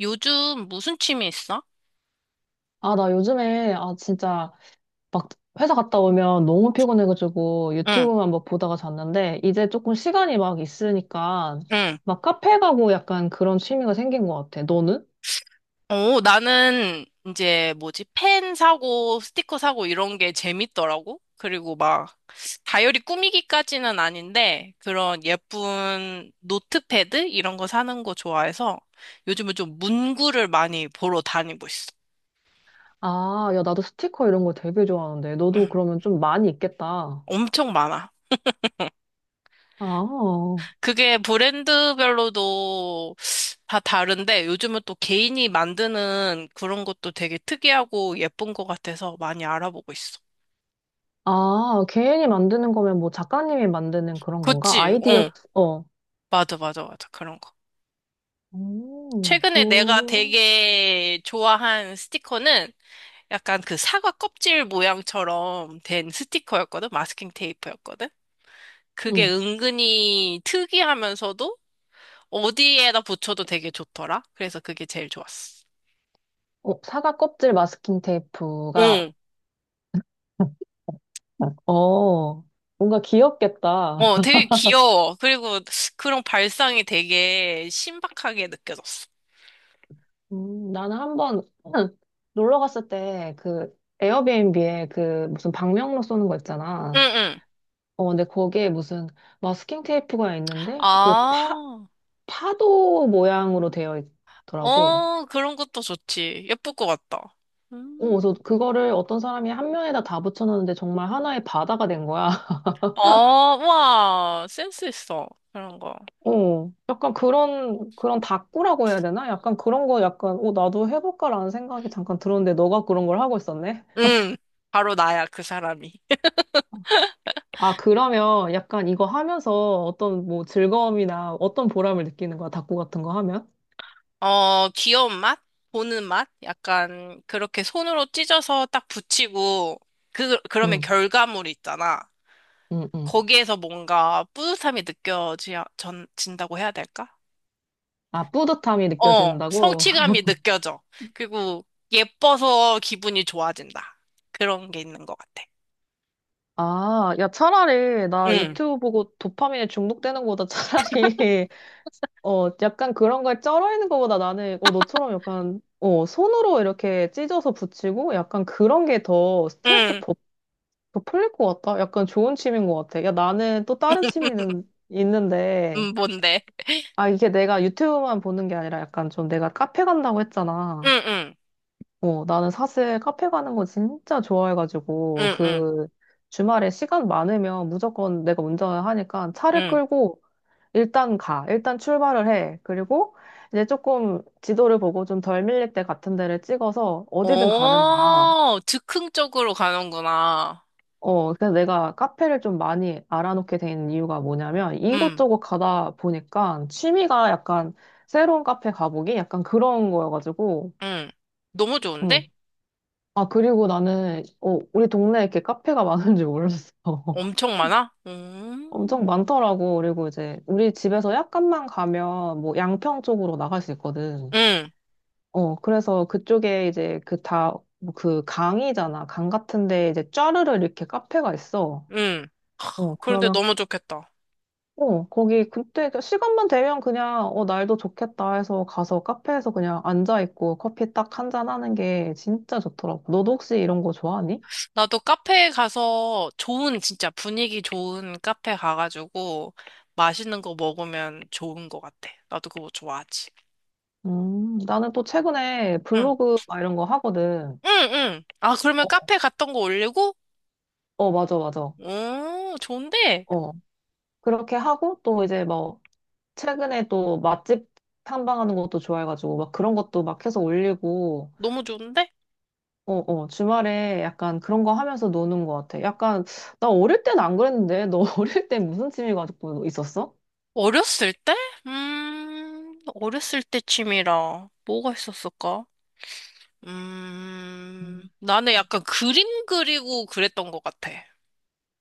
요즘 무슨 취미 있어? 아, 나 요즘에, 아, 진짜, 막, 회사 갔다 오면 너무 피곤해가지고 응, 유튜브만 막 보다가 잤는데, 이제 조금 시간이 막 있으니까, 응. 막 카페 가고 약간 그런 취미가 생긴 것 같아. 너는? 오, 나는 이제 뭐지? 펜 사고, 스티커 사고 이런 게 재밌더라고. 그리고 막 다이어리 꾸미기까지는 아닌데 그런 예쁜 노트패드 이런 거 사는 거 좋아해서 요즘은 좀 문구를 많이 보러 다니고 있어. 아, 야, 나도 스티커 이런 거 되게 좋아하는데, 응, 너도 그러면 좀 많이 있겠다. 엄청 많아. 아, 그게 브랜드별로도 다 다른데 요즘은 또 개인이 만드는 그런 것도 되게 특이하고 예쁜 것 같아서 많이 알아보고 있어. 아, 개인이 만드는 거면 뭐 작가님이 만드는 그런 건가? 그치? 아이디어, 어, 어. 맞아, 맞아, 맞아. 그런 거. 오 최근에 내가 그, 되게 좋아한 스티커는 약간 그 사과 껍질 모양처럼 된 스티커였거든? 마스킹 테이프였거든? 그게 응. 은근히 특이하면서도 어디에다 붙여도 되게 좋더라. 그래서 그게 제일 좋았어. 어, 사과 껍질 마스킹 테이프가 응. 어, 뭔가 귀엽겠다. 어, 되게 귀여워. 그리고 그런 발상이 되게 신박하게 느껴졌어. 나는 한번 놀러 갔을 때 그 에어비앤비에 그 무슨 방명록 쏘는 거 응, 있잖아. 응. 어, 근데 거기에 무슨 마스킹 테이프가 있는데 그 아, 파도 모양으로 되어 있더라고. 어, 그런 것도 좋지. 예쁠 것 같다. 어, 음. 그래서 그거를 어떤 사람이 한 면에다 다 붙여놨는데 정말 하나의 바다가 된 거야. 어, 와, 센스 있어. 그런 거. 어, 약간 그런, 그런 다꾸라고 해야 되나? 약간 그런 거 약간, 어, 나도 해볼까라는 생각이 잠깐 들었는데 너가 그런 걸 하고 있었네. 응, 바로 나야, 그 사람이. 아, 그러면 약간 이거 하면서 어떤 뭐 즐거움이나 어떤 보람을 느끼는 거야? 닭고 같은 거 하면? 어, 귀여운 맛? 보는 맛? 약간, 그렇게 손으로 찢어서 딱 붙이고, 그러면 응, 결과물 있잖아. 응, 응. 거기에서 뭔가 뿌듯함이 느껴진다고 해야 될까? 아, 뿌듯함이 어, 느껴진다고? 성취감이 느껴져. 그리고 예뻐서 기분이 좋아진다. 그런 게 있는 것 같아. 아, 야, 차라리 나 응, 유튜브 보고 도파민에 중독되는 거보다 차라리, 어, 약간 그런 거에 쩔어 있는 거보다 나는, 어, 너처럼 약간, 어, 손으로 이렇게 찢어서 붙이고 약간 그런 게 더 스트레스 응, 더, 더 풀릴 것 같다? 약간 좋은 취미인 것 같아. 야, 나는 또 다른 취미는 있는데, 뭔데? 아, 이게 내가 유튜브만 보는 게 아니라 약간 좀 내가 카페 간다고 했잖아. 응, 응, 어, 나는 사실 카페 가는 거 진짜 좋아해가지고, 응, 응, 그 주말에 시간 많으면 무조건 내가 운전을 하니까 차를 응. 끌고 일단 가. 일단 출발을 해. 그리고 이제 조금 지도를 보고 좀 덜 밀릴 때 같은 데를 찍어서 어디든 가는 거야. 어, 즉흥 쪽으로 가는구나. 어, 그래서 내가 카페를 좀 많이 알아놓게 된 이유가 뭐냐면 응, 이곳저곳 가다 보니까 취미가 약간 새로운 카페 가보기 약간 그런 거여가지고, 응. 너무 좋은데? 응. 아, 그리고 나는, 어, 우리 동네에 이렇게 카페가 많은 줄 몰랐어. 엄청 많아? 엄청 많더라고. 그리고 이제 우리 집에서 약간만 가면 뭐 양평 쪽으로 나갈 수 있거든. 응, 어, 그래서 그쪽에 이제 그 다, 뭐그 강이잖아. 강 같은데 이제 쫘르르 이렇게 카페가 있어. 응. 어, 그런데 그러면 너무 좋겠다. 어, 거기 그때 그 시간만 되면 그냥 어, 날도 좋겠다 해서 가서 카페에서 그냥 앉아 있고 커피 딱 한잔 하는 게 진짜 좋더라고. 너도 혹시 이런 거 좋아하니? 나도 카페에 가서 좋은, 진짜 분위기 좋은 카페 가가지고 맛있는 거 먹으면 좋은 것 같아. 나도 그거 좋아하지. 나는 또 최근에 응, 블로그 막 이런 거 하거든. 응, 응. 아, 그러면 어, 카페 갔던 거 올리고? 어, 맞아, 맞아. 오, 좋은데? 어, 그렇게 하고 또 이제 뭐 최근에 또 맛집 탐방하는 것도 좋아해가지고 막 그런 것도 막 해서 올리고 너무 좋은데? 어, 어, 주말에 약간 그런 거 하면서 노는 것 같아. 약간, 나 어릴 땐 안 그랬는데, 너 어릴 때 무슨 취미 가지고 있었어? 어렸을 때? 어렸을 때 취미라 뭐가 있었을까? 음. 나는 약간 그림 그리고 그랬던 것 같아.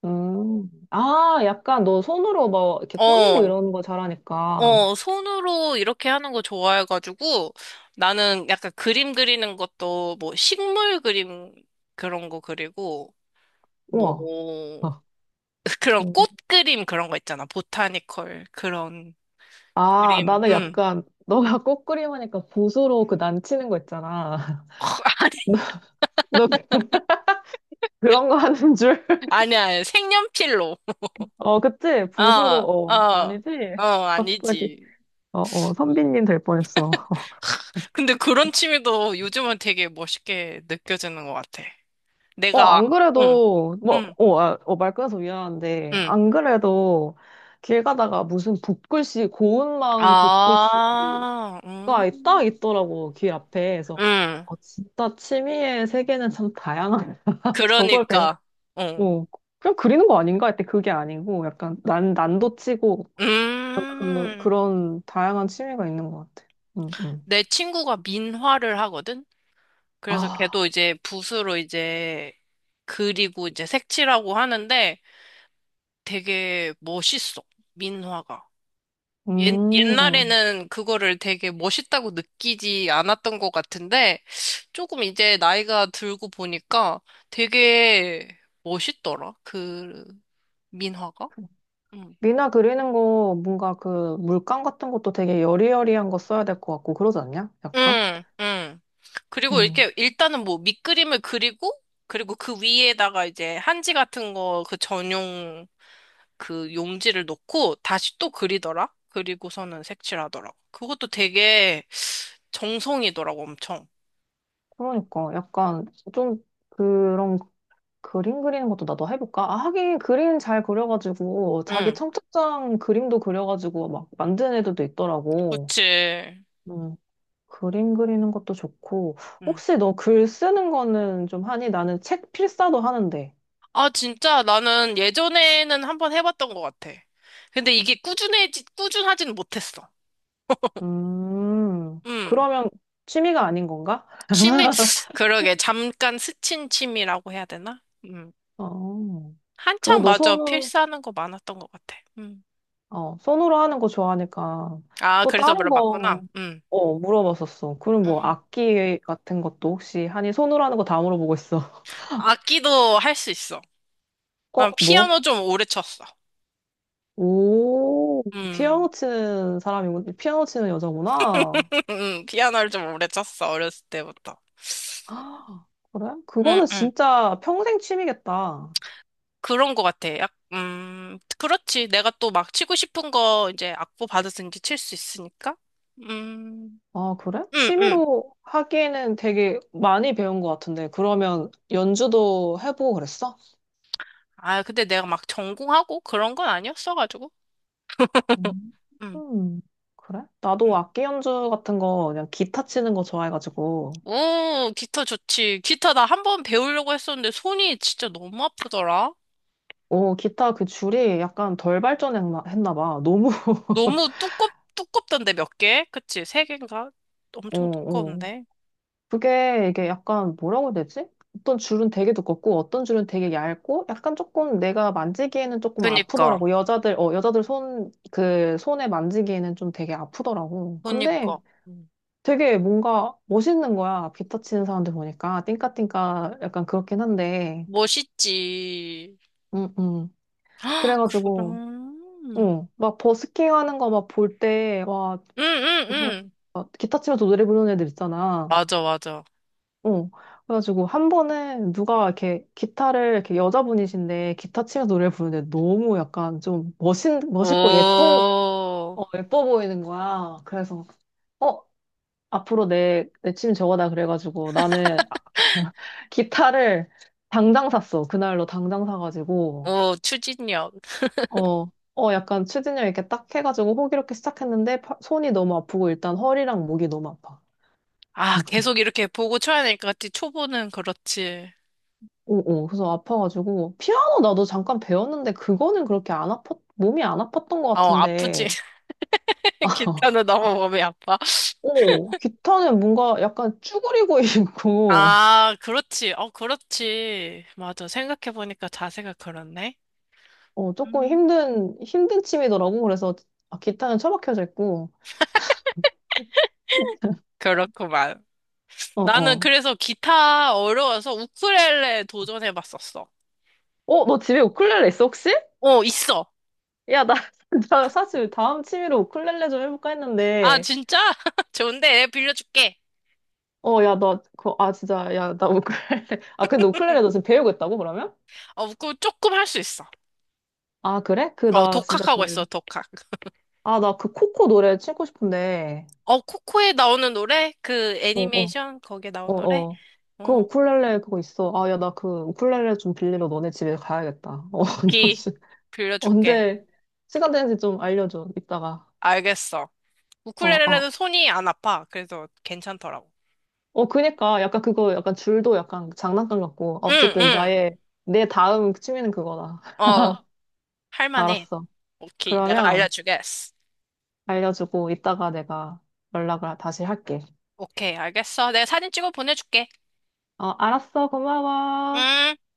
음. 아, 약간 너 손으로 막 이렇게 꾸미고 어, 이러는 거 잘하니까. 어, 손으로 이렇게 하는 거 좋아해가지고 나는 약간 그림 그리는 것도 뭐 식물 그림 그런 거 그리고 뭐 우와. 어. 그런 음. 꽃 그림 그런 거 있잖아. 보타니컬 그런 아, 그림. 나는 음. 약간, 너가 꽃그림 하니까 붓으로 그 난치는 거 있잖아. 너 그- 그런 거 하는 줄? 아니, 아니야. 색연필로. 어, 그치? 붓으로, 아, 어, 아, 아니지? 어, 갑자기. 아니지. 어, 어, 선비님 될 뻔했어. 근데 그런 취미도 요즘은 되게 멋있게 느껴지는 것 같아. 어, 내가, 안 응, 그래도, 뭐, 응, 어, 아, 어, 말 끊어서 미안한데, 응. 안 그래도 길 가다가 무슨 붓글씨, 고운 마음 붓글씨가 아, 응, 딱 있더라고, 길 앞에. 그래서, 응. 어, 진짜 취미의 세계는 참 다양하다. 저걸 그러니까, 어, 배웠고, 그냥 그리는 거 아닌가 했더니 그게 아니고, 약간 난도 치고, 그, 음. 그런 다양한 취미가 있는 것 같아. 응, 응. 내 친구가 민화를 하거든? 그래서 걔도 아, 이제 붓으로 이제 그리고 이제 색칠하고 하는데 되게 멋있어, 민화가. 옛, 음. 옛날에는 그거를 되게 멋있다고 느끼지 않았던 것 같은데, 조금 이제 나이가 들고 보니까 되게 멋있더라, 그 민화가? 응, 미나 그리는 거 뭔가 그 물감 같은 것도 되게 여리여리한 거 써야 될 것 같고 그러지 않냐? 약간? 응, 응. 그리고 음. 이렇게 일단은 뭐 밑그림을 그리고, 그리고 그 위에다가 이제 한지 같은 거 그 전용 그 용지를 놓고 다시 또 그리더라? 그리고서는 색칠하더라고. 그것도 되게 정성이더라고, 엄청. 그러니까 약간 좀 그런 그림 그리는 것도 나도 해볼까? 아, 하긴 그림 잘 그려가지고 자기 응, 청첩장 그림도 그려가지고 막 만드는 애들도 있더라고. 그치. 음. 그림 그리는 것도 좋고 음. 혹시 너 글 쓰는 거는 좀 하니? 나는 책 필사도 하는데. 아, 진짜 나는 예전에는 한번 해봤던 것 같아. 근데 이게 꾸준하진 못했어. 음, 그러면 취미가 아닌 건가? 취미, 그러게, 잠깐 스친 취미라고 해야 되나? 어. 그래, 한창 너 맞아, 손으로 필사하는 거 많았던 것 같아. 음. 어, 손으로 하는 거 좋아하니까 아, 또 그래서 다른 거 물어봤구나. 음. 어, 물어봤었어. 그럼 뭐 음. 악기 같은 것도 혹시 하니 손으로 하는 거 다 물어보고 있어. 악기도 할 수 있어. 난 어, 뭐? 피아노 좀 오래 쳤어. 오, 음, 피아노 치는 사람이고 피아노 치는 여자구나. 피아노를 좀 오래 쳤어, 어렸을 때부터. 아, 그래? 응, 그거는 응. 진짜 평생 취미겠다. 그런 것 같아. 그렇지. 내가 또 막 치고 싶은 거 이제 악보 받았으 이제 칠 수 있으니까. 음, 아, 그래? 음, 음. 취미로 하기에는 되게 많이 배운 것 같은데. 그러면 연주도 해보고 그랬어? 아, 근데 내가 막 전공하고 그런 건 아니었어가지고. 음, 음, 음, 그래? 음. 나도 악기 연주 같은 거 그냥 기타 치는 거 좋아해가지고 오, 기타 좋지. 기타 나 한 번 배우려고 했었는데 손이 진짜 너무 아프더라. 어 기타 그 줄이 약간 덜 발전했나 했나 봐. 너무 너무 두껍던데 몇 개? 그치? 세 개인가? 어, 엄청 어. 두꺼운데. 그게 이게 약간 뭐라고 해야 되지? 어떤 줄은 되게 두껍고 어떤 줄은 되게 얇고 약간 조금 내가 만지기에는 조금 그니까, 아프더라고. 여자들 어 여자들 손 그 손에 만지기에는 좀 되게 아프더라고. 근데 그니까. 음. 되게 뭔가 멋있는 거야. 기타 치는 사람들 보니까 띵까띵까 약간 그렇긴 한데 멋있지. 응, 응. 아, 그래가지고, 그럼. 응, 막 버스킹 하는 거 막 볼 때, 와, 응, 응, 정말, 응. 막 기타 치면서 노래 부르는 애들 있잖아. 맞아, 맞아. 응. 그래가지고 한 번은 누가 이렇게 기타를, 이렇게 여자분이신데 기타 치면서 노래 부르는데 너무 약간 좀 멋있고 예쁜, 오, 어, 예뻐 보이는 거야. 그래서, 어, 앞으로 내 취미 저거다. 그래가지고 나는 아, 기타를 당장 샀어. 그날로 당장 사가지고. 오, 추진력. 어, 어, 약간 추진력 이렇게 딱 해가지고 호기롭게 시작했는데 손이 너무 아프고 일단 허리랑 목이 너무 아파. 아, 계속 이렇게 보고 쳐야 될 것 같지. 초보는 그렇지. 어, 어, 그래서 아파가지고 피아노 나도 잠깐 배웠는데 그거는 그렇게 안 아팠, 몸이 안 아팠던 것 어, 아프지. 같은데. 기타는 너무 몸이 아파. 어, 기타는 뭔가 약간 쭈그리고 있고, 아, 그렇지. 어, 그렇지. 맞아. 생각해보니까 자세가 그렇네. 어, 조금 음. 힘든 춤이더라고. 그래서 아, 기타는 처박혀져 있고, 그렇구만. 어, 나는 어. 그래서 기타 어려워서 우쿨렐레 도전해봤었어. 어, 너 집에 우쿨렐레 있어, 혹시? 어, 있어. 야, 나, 나 사실 다음 취미로 우쿨렐레 좀 해볼까 아, 했는데, 진짜? 좋은데, 빌려줄게. 어, 야, 나, 그, 아, 진짜, 야, 나 우쿨렐레. 아, 근데 우쿨렐레 너 지금 배우고 있다고, 그러면? 어, 우쿨 조금 할 수 있어. 아, 그래? 그, 어, 나 진짜 그, 독학하고 있어, 독학. 아, 나 그 코코 노래 치고 싶은데. 어, 코코에 나오는 노래? 그 어, 어, 애니메이션 거기에 어, 나온 노래? 어. 그 어, 우쿨렐레 그거 있어. 아, 야, 나 그 우쿨렐레 좀 빌리러 너네 집에 가야겠다. 어, 너 오키 씨, 빌려줄게. 언제 시간 되는지 좀 알려줘, 이따가. 알겠어. 어, 우쿨렐레는 아, 손이 안 아파. 그래서 괜찮더라고. 어, 그니까, 약간 그거, 약간 줄도 약간 장난감 같고. 아, 응, 어쨌든, 응. 나의, 내 다음 취미는 그거다. 어, 할만해. 알았어. 오키. 내가 그러면, 알려주겠어. 알려주고 이따가 내가 연락을 다시 할게. 오케이, 알겠어. 내가 사진 찍어 보내줄게. 어, 알았어. 고마워. 음.